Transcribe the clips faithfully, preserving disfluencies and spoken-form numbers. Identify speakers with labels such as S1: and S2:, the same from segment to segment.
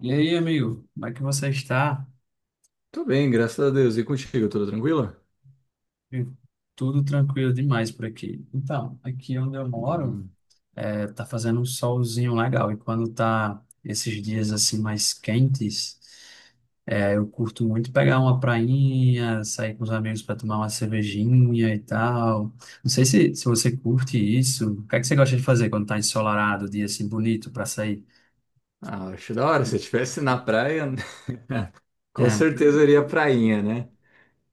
S1: E aí, amigo, como é que você está?
S2: Tô bem, graças a Deus. E contigo, tudo tranquilo?
S1: Viu? Tudo tranquilo demais por aqui. Então, aqui onde eu moro,
S2: Bom,
S1: é, tá fazendo um solzinho legal. E quando tá esses dias assim mais quentes, é, eu curto muito pegar uma prainha, sair com os amigos para tomar uma cervejinha e tal. Não sei se, se você curte isso. O que é que você gosta de fazer quando tá ensolarado, dia assim bonito para sair?
S2: ah, acho da hora. Se eu estivesse na praia, com
S1: É.
S2: certeza eu iria prainha, né?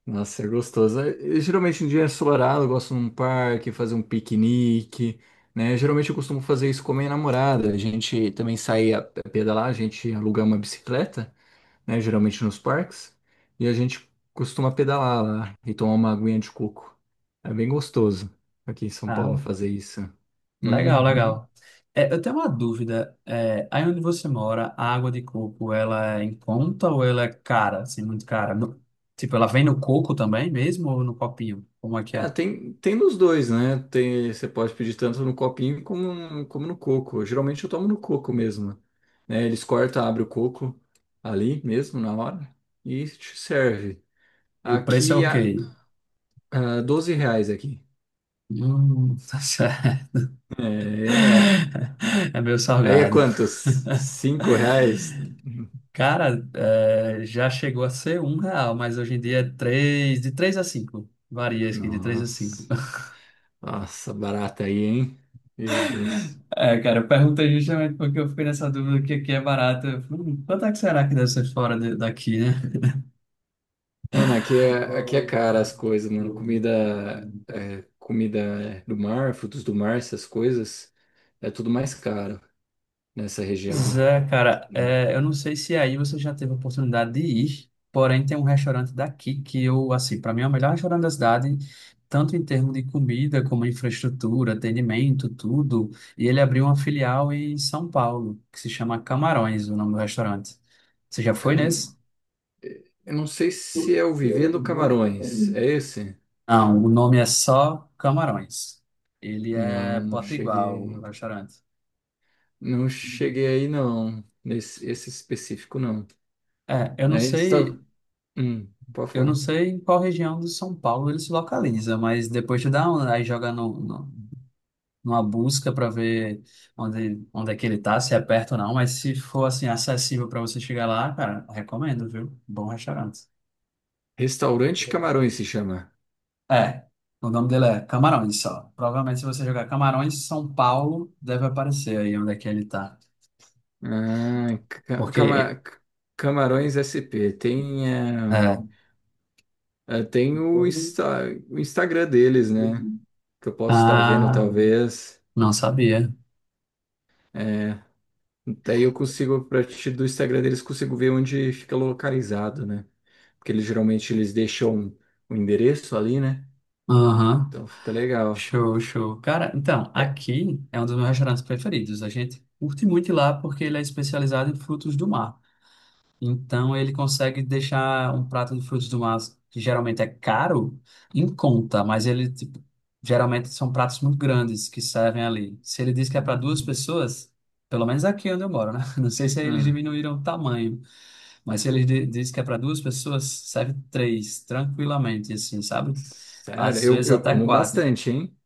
S2: Nossa, é gostoso. Eh, geralmente em dia é ensolarado, eu gosto num parque, fazer um piquenique, né? Geralmente eu costumo fazer isso com a minha namorada. A gente também sai a a pedalar, a gente aluga uma bicicleta, né? Geralmente nos parques. E a gente costuma pedalar lá e tomar uma aguinha de coco. É bem gostoso aqui em São Paulo
S1: Ah,
S2: fazer isso.
S1: legal,
S2: Uhum.
S1: legal. É, eu tenho uma dúvida. É, aí onde você mora, a água de coco, ela é em conta ou ela é cara, assim, muito cara? No- tipo, ela vem no coco também mesmo ou no copinho? Como é que
S2: É,
S1: é?
S2: tem, tem nos dois, né? Tem, você pode pedir tanto no copinho como, como no coco. Geralmente eu tomo no coco mesmo, né? Eles cortam, abrem o coco ali mesmo na hora e te serve.
S1: E o preço é
S2: Aqui, a,
S1: ok?
S2: a doze reais aqui.
S1: Hum, tá certo.
S2: É, é,
S1: É meio
S2: aí é
S1: salgado.
S2: quanto? Cinco reais?
S1: Cara, é, já chegou a ser um real, mas hoje em dia é três, de três a cinco. Varia isso aqui, de três a cinco.
S2: Nossa, nossa, barata aí, hein? Meu Deus.
S1: É, cara, eu perguntei justamente porque eu fiquei nessa dúvida que aqui é barato. Eu falei, hum, quanto é que será que deve ser fora de- daqui, né?
S2: Mano, aqui é, aqui é cara as coisas, mano. Comida, é, comida é, do mar, frutos do mar, essas coisas, é tudo mais caro nessa região,
S1: Pois é, cara,
S2: né?
S1: é, eu não sei se aí você já teve a oportunidade de ir, porém tem um restaurante daqui que eu, assim, para mim é o melhor restaurante da cidade, tanto em termos de comida como infraestrutura, atendimento, tudo. E ele abriu uma filial em São Paulo, que se chama Camarões, o nome do restaurante. Você já foi nesse?
S2: Cam- Eu não sei se é o Vivendo Camarões, é esse?
S1: Não, o nome é só Camarões. Ele é
S2: Não, não
S1: potiguar, o
S2: cheguei,
S1: restaurante.
S2: não cheguei aí não, nesse esse específico não.
S1: É, eu não
S2: É, está,
S1: sei,
S2: hum, pode
S1: eu não
S2: falar.
S1: sei em qual região de São Paulo ele se localiza, mas depois tu dá uma, aí joga no, no- numa busca para ver onde, onde é que ele tá, se é perto ou não, mas se for assim acessível para você chegar lá, cara, recomendo, viu? Bom restaurante.
S2: Restaurante Camarões se chama.
S1: É, o nome dele é Camarões só. Provavelmente se você jogar Camarões São Paulo, deve aparecer aí onde é que ele tá.
S2: Ah, ca-
S1: Porque
S2: cama- Camarões S P. Tem. eh,
S1: é,
S2: É, tem o, Insta- o Instagram deles, né? Que eu posso estar vendo,
S1: ah,
S2: talvez.
S1: não sabia.
S2: É, daí eu consigo, a partir do Instagram deles, consigo ver onde fica localizado, né? Porque eles geralmente eles deixam o endereço ali, né?
S1: Aham.
S2: Então fica legal.
S1: Show, show. Cara, então,
S2: É.
S1: aqui é um dos meus restaurantes preferidos. A gente curte muito ir lá porque ele é especializado em frutos do mar. Então, ele consegue deixar um prato de frutos do mar, que geralmente é caro, em conta, mas ele, tipo, geralmente são pratos muito grandes que servem ali. Se ele diz que é para duas
S2: Hum,
S1: pessoas, pelo menos aqui onde eu moro, né? Não sei se aí eles
S2: hum.
S1: diminuíram o tamanho, mas se ele di- diz que é para duas pessoas, serve três, tranquilamente, assim, sabe?
S2: Sério,
S1: Às
S2: eu,
S1: vezes
S2: eu
S1: até
S2: como
S1: quatro.
S2: bastante, hein?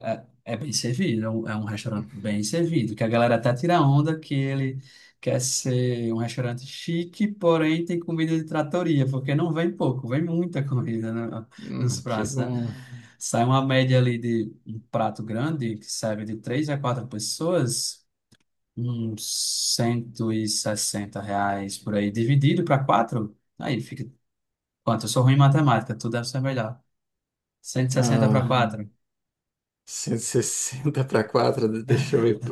S1: É, é bem servido, é um, é um, restaurante bem servido, que a galera até tira onda que ele quer ser um restaurante chique, porém tem comida de tratoria, porque não vem pouco, vem muita comida no- nos
S2: Hum, que
S1: pratos, né?
S2: bom.
S1: Sai uma média ali de um prato grande, que serve de três a quatro pessoas, uns cento e sessenta reais por aí, dividido para quatro, aí fica quanto? Eu sou ruim em matemática, tu deve ser melhor. Cento e sessenta para
S2: Ah,
S1: quatro.
S2: cento e sessenta para quatro deixa eu ver,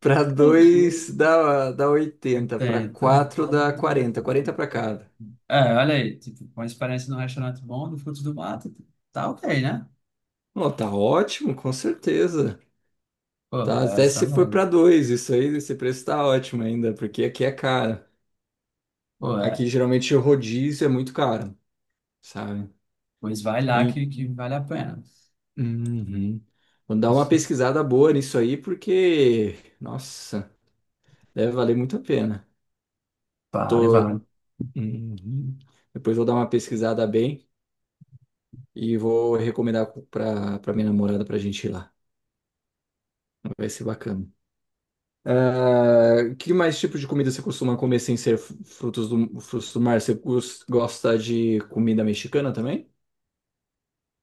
S2: para dois dá, dá oitenta para
S1: Oitenta.
S2: quatro dá quarenta quarenta para cada.
S1: É, olha aí, tipo, com a experiência num restaurante bom, no Frutos do Mato, tá ok, né?
S2: Não, tá ótimo, com certeza.
S1: Pô,
S2: Tá,
S1: é
S2: até
S1: essa é
S2: se for para
S1: mesmo.
S2: dois isso aí, esse preço tá ótimo ainda, porque aqui é caro.
S1: Pô,
S2: Aqui
S1: é.
S2: geralmente o rodízio é muito caro, sabe?
S1: Pois vai lá
S2: E-
S1: que, que vale a pena.
S2: Uhum. Vou dar uma pesquisada boa nisso aí, porque, nossa, deve valer muito a pena.
S1: Vale,
S2: Tô.
S1: vale.
S2: Uhum. Depois vou dar uma pesquisada bem. E vou recomendar pra, pra minha namorada pra gente ir lá. Vai ser bacana. Ah, que mais tipo de comida você costuma comer sem ser fr- frutos do, frutos do mar? Você cus- gosta de comida mexicana também?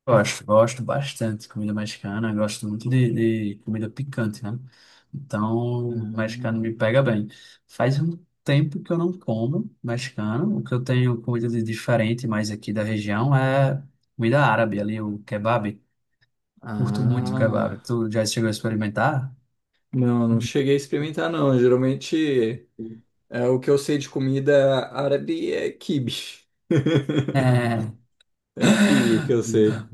S1: Gosto, gosto bastante de comida mexicana, gosto muito de, de comida picante, né? Então, mexicano
S2: Não.
S1: me pega bem. Faz um tempo que eu não como mexicano. O que eu tenho comida de diferente mais aqui da região é comida árabe, ali o kebab. Curto muito kebab.
S2: Ah,
S1: Tu já chegou a experimentar?
S2: não, não cheguei a experimentar, não. Geralmente, é, o que eu sei de comida árabe é quibe.
S1: É.
S2: É quibe que eu sei.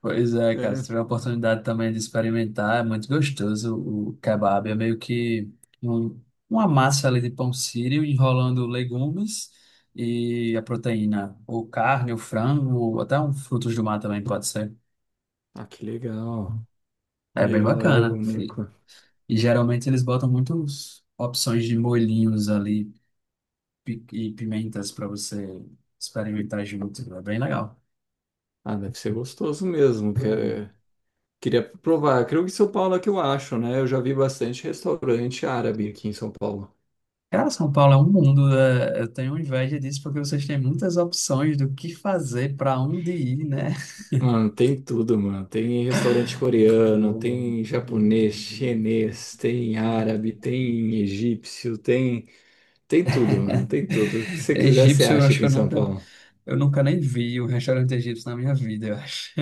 S1: Pois é, cara. Se
S2: É.
S1: tiver a oportunidade também de experimentar, é muito gostoso o o kebab. É meio que um- uma massa ali de pão sírio enrolando legumes e a proteína, ou carne, ou frango, ou até um frutos do mar também pode ser.
S2: Ah, que legal.
S1: É bem
S2: Legal, é algo
S1: bacana. E,
S2: único.
S1: e geralmente eles botam muitas opções de molhinhos ali. Pi- e pimentas para você experimentar junto. É bem legal.
S2: Ah, deve ser gostoso mesmo, que é- queria provar. Creio que em São Paulo é que eu acho, né? Eu já vi bastante restaurante árabe aqui em São Paulo.
S1: Cara, São Paulo é um mundo. é, eu tenho inveja disso porque vocês têm muitas opções do que fazer, para onde ir, né?
S2: Mano, tem tudo, mano. Tem restaurante coreano, tem japonês, chinês, tem árabe, tem egípcio, tem tem tudo, mano. Tem tudo. O que você quiser, você
S1: Egípcio, eu
S2: acha
S1: acho
S2: aqui
S1: que
S2: em
S1: eu
S2: São
S1: nunca,
S2: Paulo.
S1: eu nunca nem vi um restaurante egípcio na minha vida, eu acho.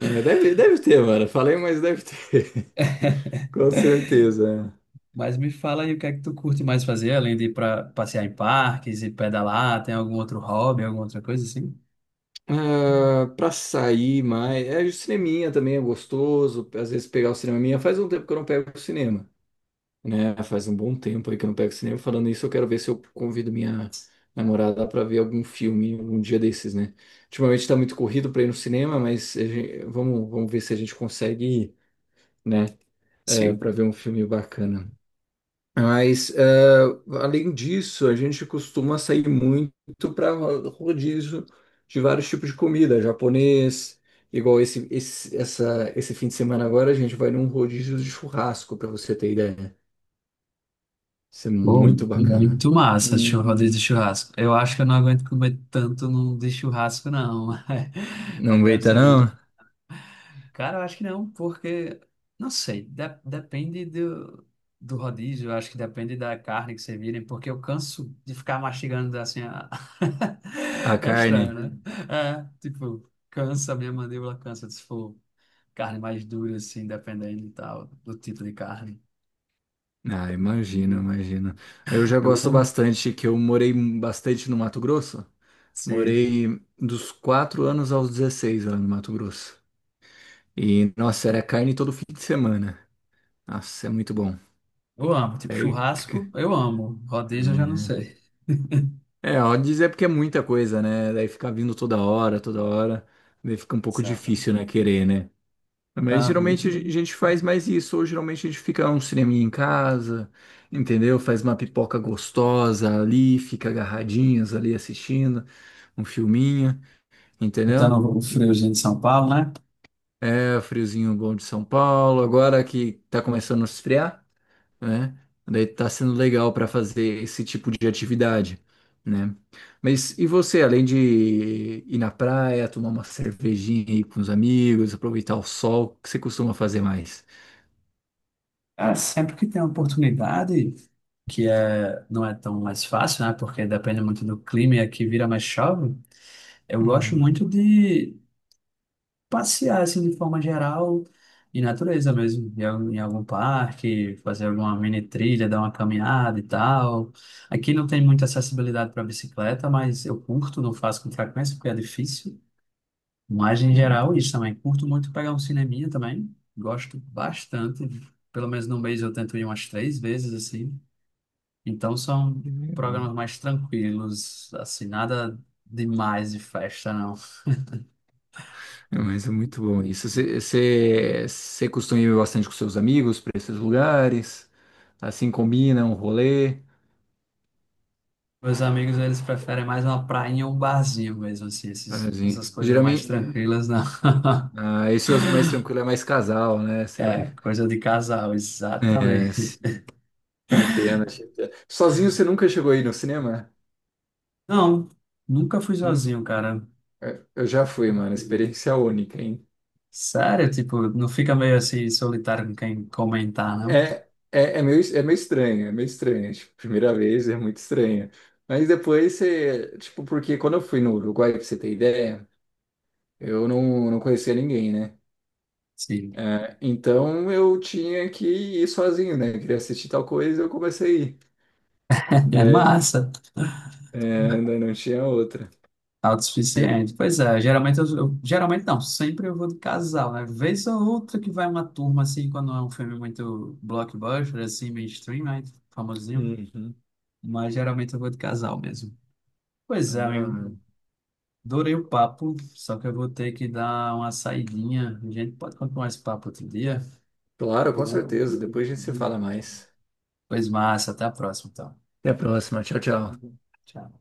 S2: É, deve, deve ter, mano. Falei, mas deve ter. Com certeza.
S1: Mas me fala aí o que é que tu curte mais fazer, além de ir para passear em parques e pedalar, tem algum outro hobby, alguma outra coisa assim?
S2: Ah, pra sair mais. É, o cineminha também é gostoso. Às vezes pegar o cineminha. Faz um tempo que eu não pego o cinema, né? Faz um bom tempo aí que eu não pego cinema. Falando isso, eu quero ver se eu convido minha namorada para ver algum filme um dia desses, né? Ultimamente tá muito corrido para ir no cinema, mas a gen- vamos, vamos ver se a gente consegue ir, né? É,
S1: Sim.
S2: para ver um filme bacana. Mas, é, além disso, a gente costuma sair muito para rodízio de vários tipos de comida, japonês, igual esse, esse, essa, esse fim de semana agora, a gente vai num rodízio de churrasco, para você ter ideia. Isso é
S1: Bom,
S2: muito bacana.
S1: muito massa, chur-
S2: Hum,
S1: rodízio de churrasco. Eu acho que eu não aguento comer tanto no- de churrasco, não.
S2: não
S1: Aí deve
S2: aguenta,
S1: ser muito.
S2: não?
S1: Cara, eu acho que não, porque, não sei, de- depende do, do rodízio, eu acho que depende da carne que servirem, porque eu canso de ficar mastigando assim. a-
S2: A
S1: É estranho,
S2: carne?
S1: né? É, tipo, cansa, minha mandíbula cansa se for carne mais dura, assim, dependendo e tal, do tipo de carne.
S2: Ah, imagino, imagino. Eu já
S1: Eu,
S2: gosto bastante que eu morei bastante no Mato Grosso.
S1: Sim.
S2: Morei dos quatro anos aos dezesseis lá no Mato Grosso. E, nossa, era carne todo fim de semana. Nossa, é muito bom.
S1: Eu amo, tipo
S2: É,
S1: churrasco,
S2: c-
S1: eu amo. Rodízio, eu já não sei.
S2: é, é, ó, dizer porque é muita coisa, né? Daí ficar vindo toda hora, toda hora. Daí fica um pouco
S1: Exato.
S2: difícil, né? Querer, né? Mas
S1: Ah,
S2: geralmente a gente faz mais isso, ou geralmente a gente fica um cineminha em casa, entendeu? Faz uma pipoca gostosa ali, fica agarradinhas ali assistindo um filminho, entendeu?
S1: botando o friozinho de São Paulo, né?
S2: É, friozinho bom de São Paulo, agora que tá começando a esfriar, né? Daí tá sendo legal para fazer esse tipo de atividade, né? Mas e você, além de ir na praia, tomar uma cervejinha aí com os amigos, aproveitar o sol, o que você costuma fazer mais?
S1: Cara, sempre que tem uma oportunidade, que é, não é tão mais fácil, né? Porque depende muito do clima e aqui vira mais chove. Eu gosto muito de passear assim de forma geral em natureza mesmo, em algum em algum parque, fazer alguma mini trilha, dar uma caminhada e tal. Aqui não tem muita acessibilidade para bicicleta, mas eu curto, não faço com frequência porque é difícil. Mas em geral
S2: Legal,
S1: isso também, curto muito pegar um cineminha também, gosto bastante. Pelo menos no mês eu tento ir umas três vezes assim. Então são
S2: que legal.
S1: programas mais tranquilos, assim, nada demais de festa não.
S2: É, mas é muito bom isso. Você você costuma ir bastante com seus amigos para esses lugares? Assim combina um rolê?
S1: Meus amigos, eles preferem mais uma praia e um barzinho mesmo, assim, esses-
S2: Assim,
S1: essas coisas mais
S2: geralmente,
S1: tranquilas, não.
S2: ah, esse é o mais tranquilo, é mais casal, né? Você vai.
S1: É, coisa de casal,
S2: É, sim,
S1: exatamente.
S2: te entendo, te entendo. Sozinho você nunca chegou aí no cinema?
S1: Não, nunca fui
S2: Nunca.
S1: sozinho, cara.
S2: Eu já fui, mano. Experiência única, hein?
S1: Sério, tipo, não fica meio assim solitário com quem comentar, não?
S2: É, é, é meio, é meio estranho, é meio estranho. Tipo, primeira vez é muito estranho. Mas depois você. Tipo, porque quando eu fui no Uruguai, pra você ter ideia. Eu não, não conhecia ninguém, né?
S1: Sim.
S2: É, então eu tinha que ir sozinho, né? Queria assistir tal coisa eu comecei a ir.
S1: É
S2: Daí,
S1: massa,
S2: é, daí não tinha outra.
S1: autossuficiente. Pois é, geralmente eu, eu- geralmente não, sempre eu vou de casal, né? Vez ou outra que vai uma turma assim, quando é um filme muito blockbuster, assim, mainstream, né? Famosinho.
S2: Uhum.
S1: Mas geralmente eu vou de casal mesmo. Pois
S2: Mas,
S1: é,
S2: ah,
S1: amigo. Adorei o papo, só que eu vou ter que dar uma saidinha. A gente pode continuar esse papo outro dia?
S2: claro, com certeza. Depois a gente se fala mais.
S1: Pois massa, até a próxima, então.
S2: Até a próxima. Tchau, tchau.
S1: Tchau.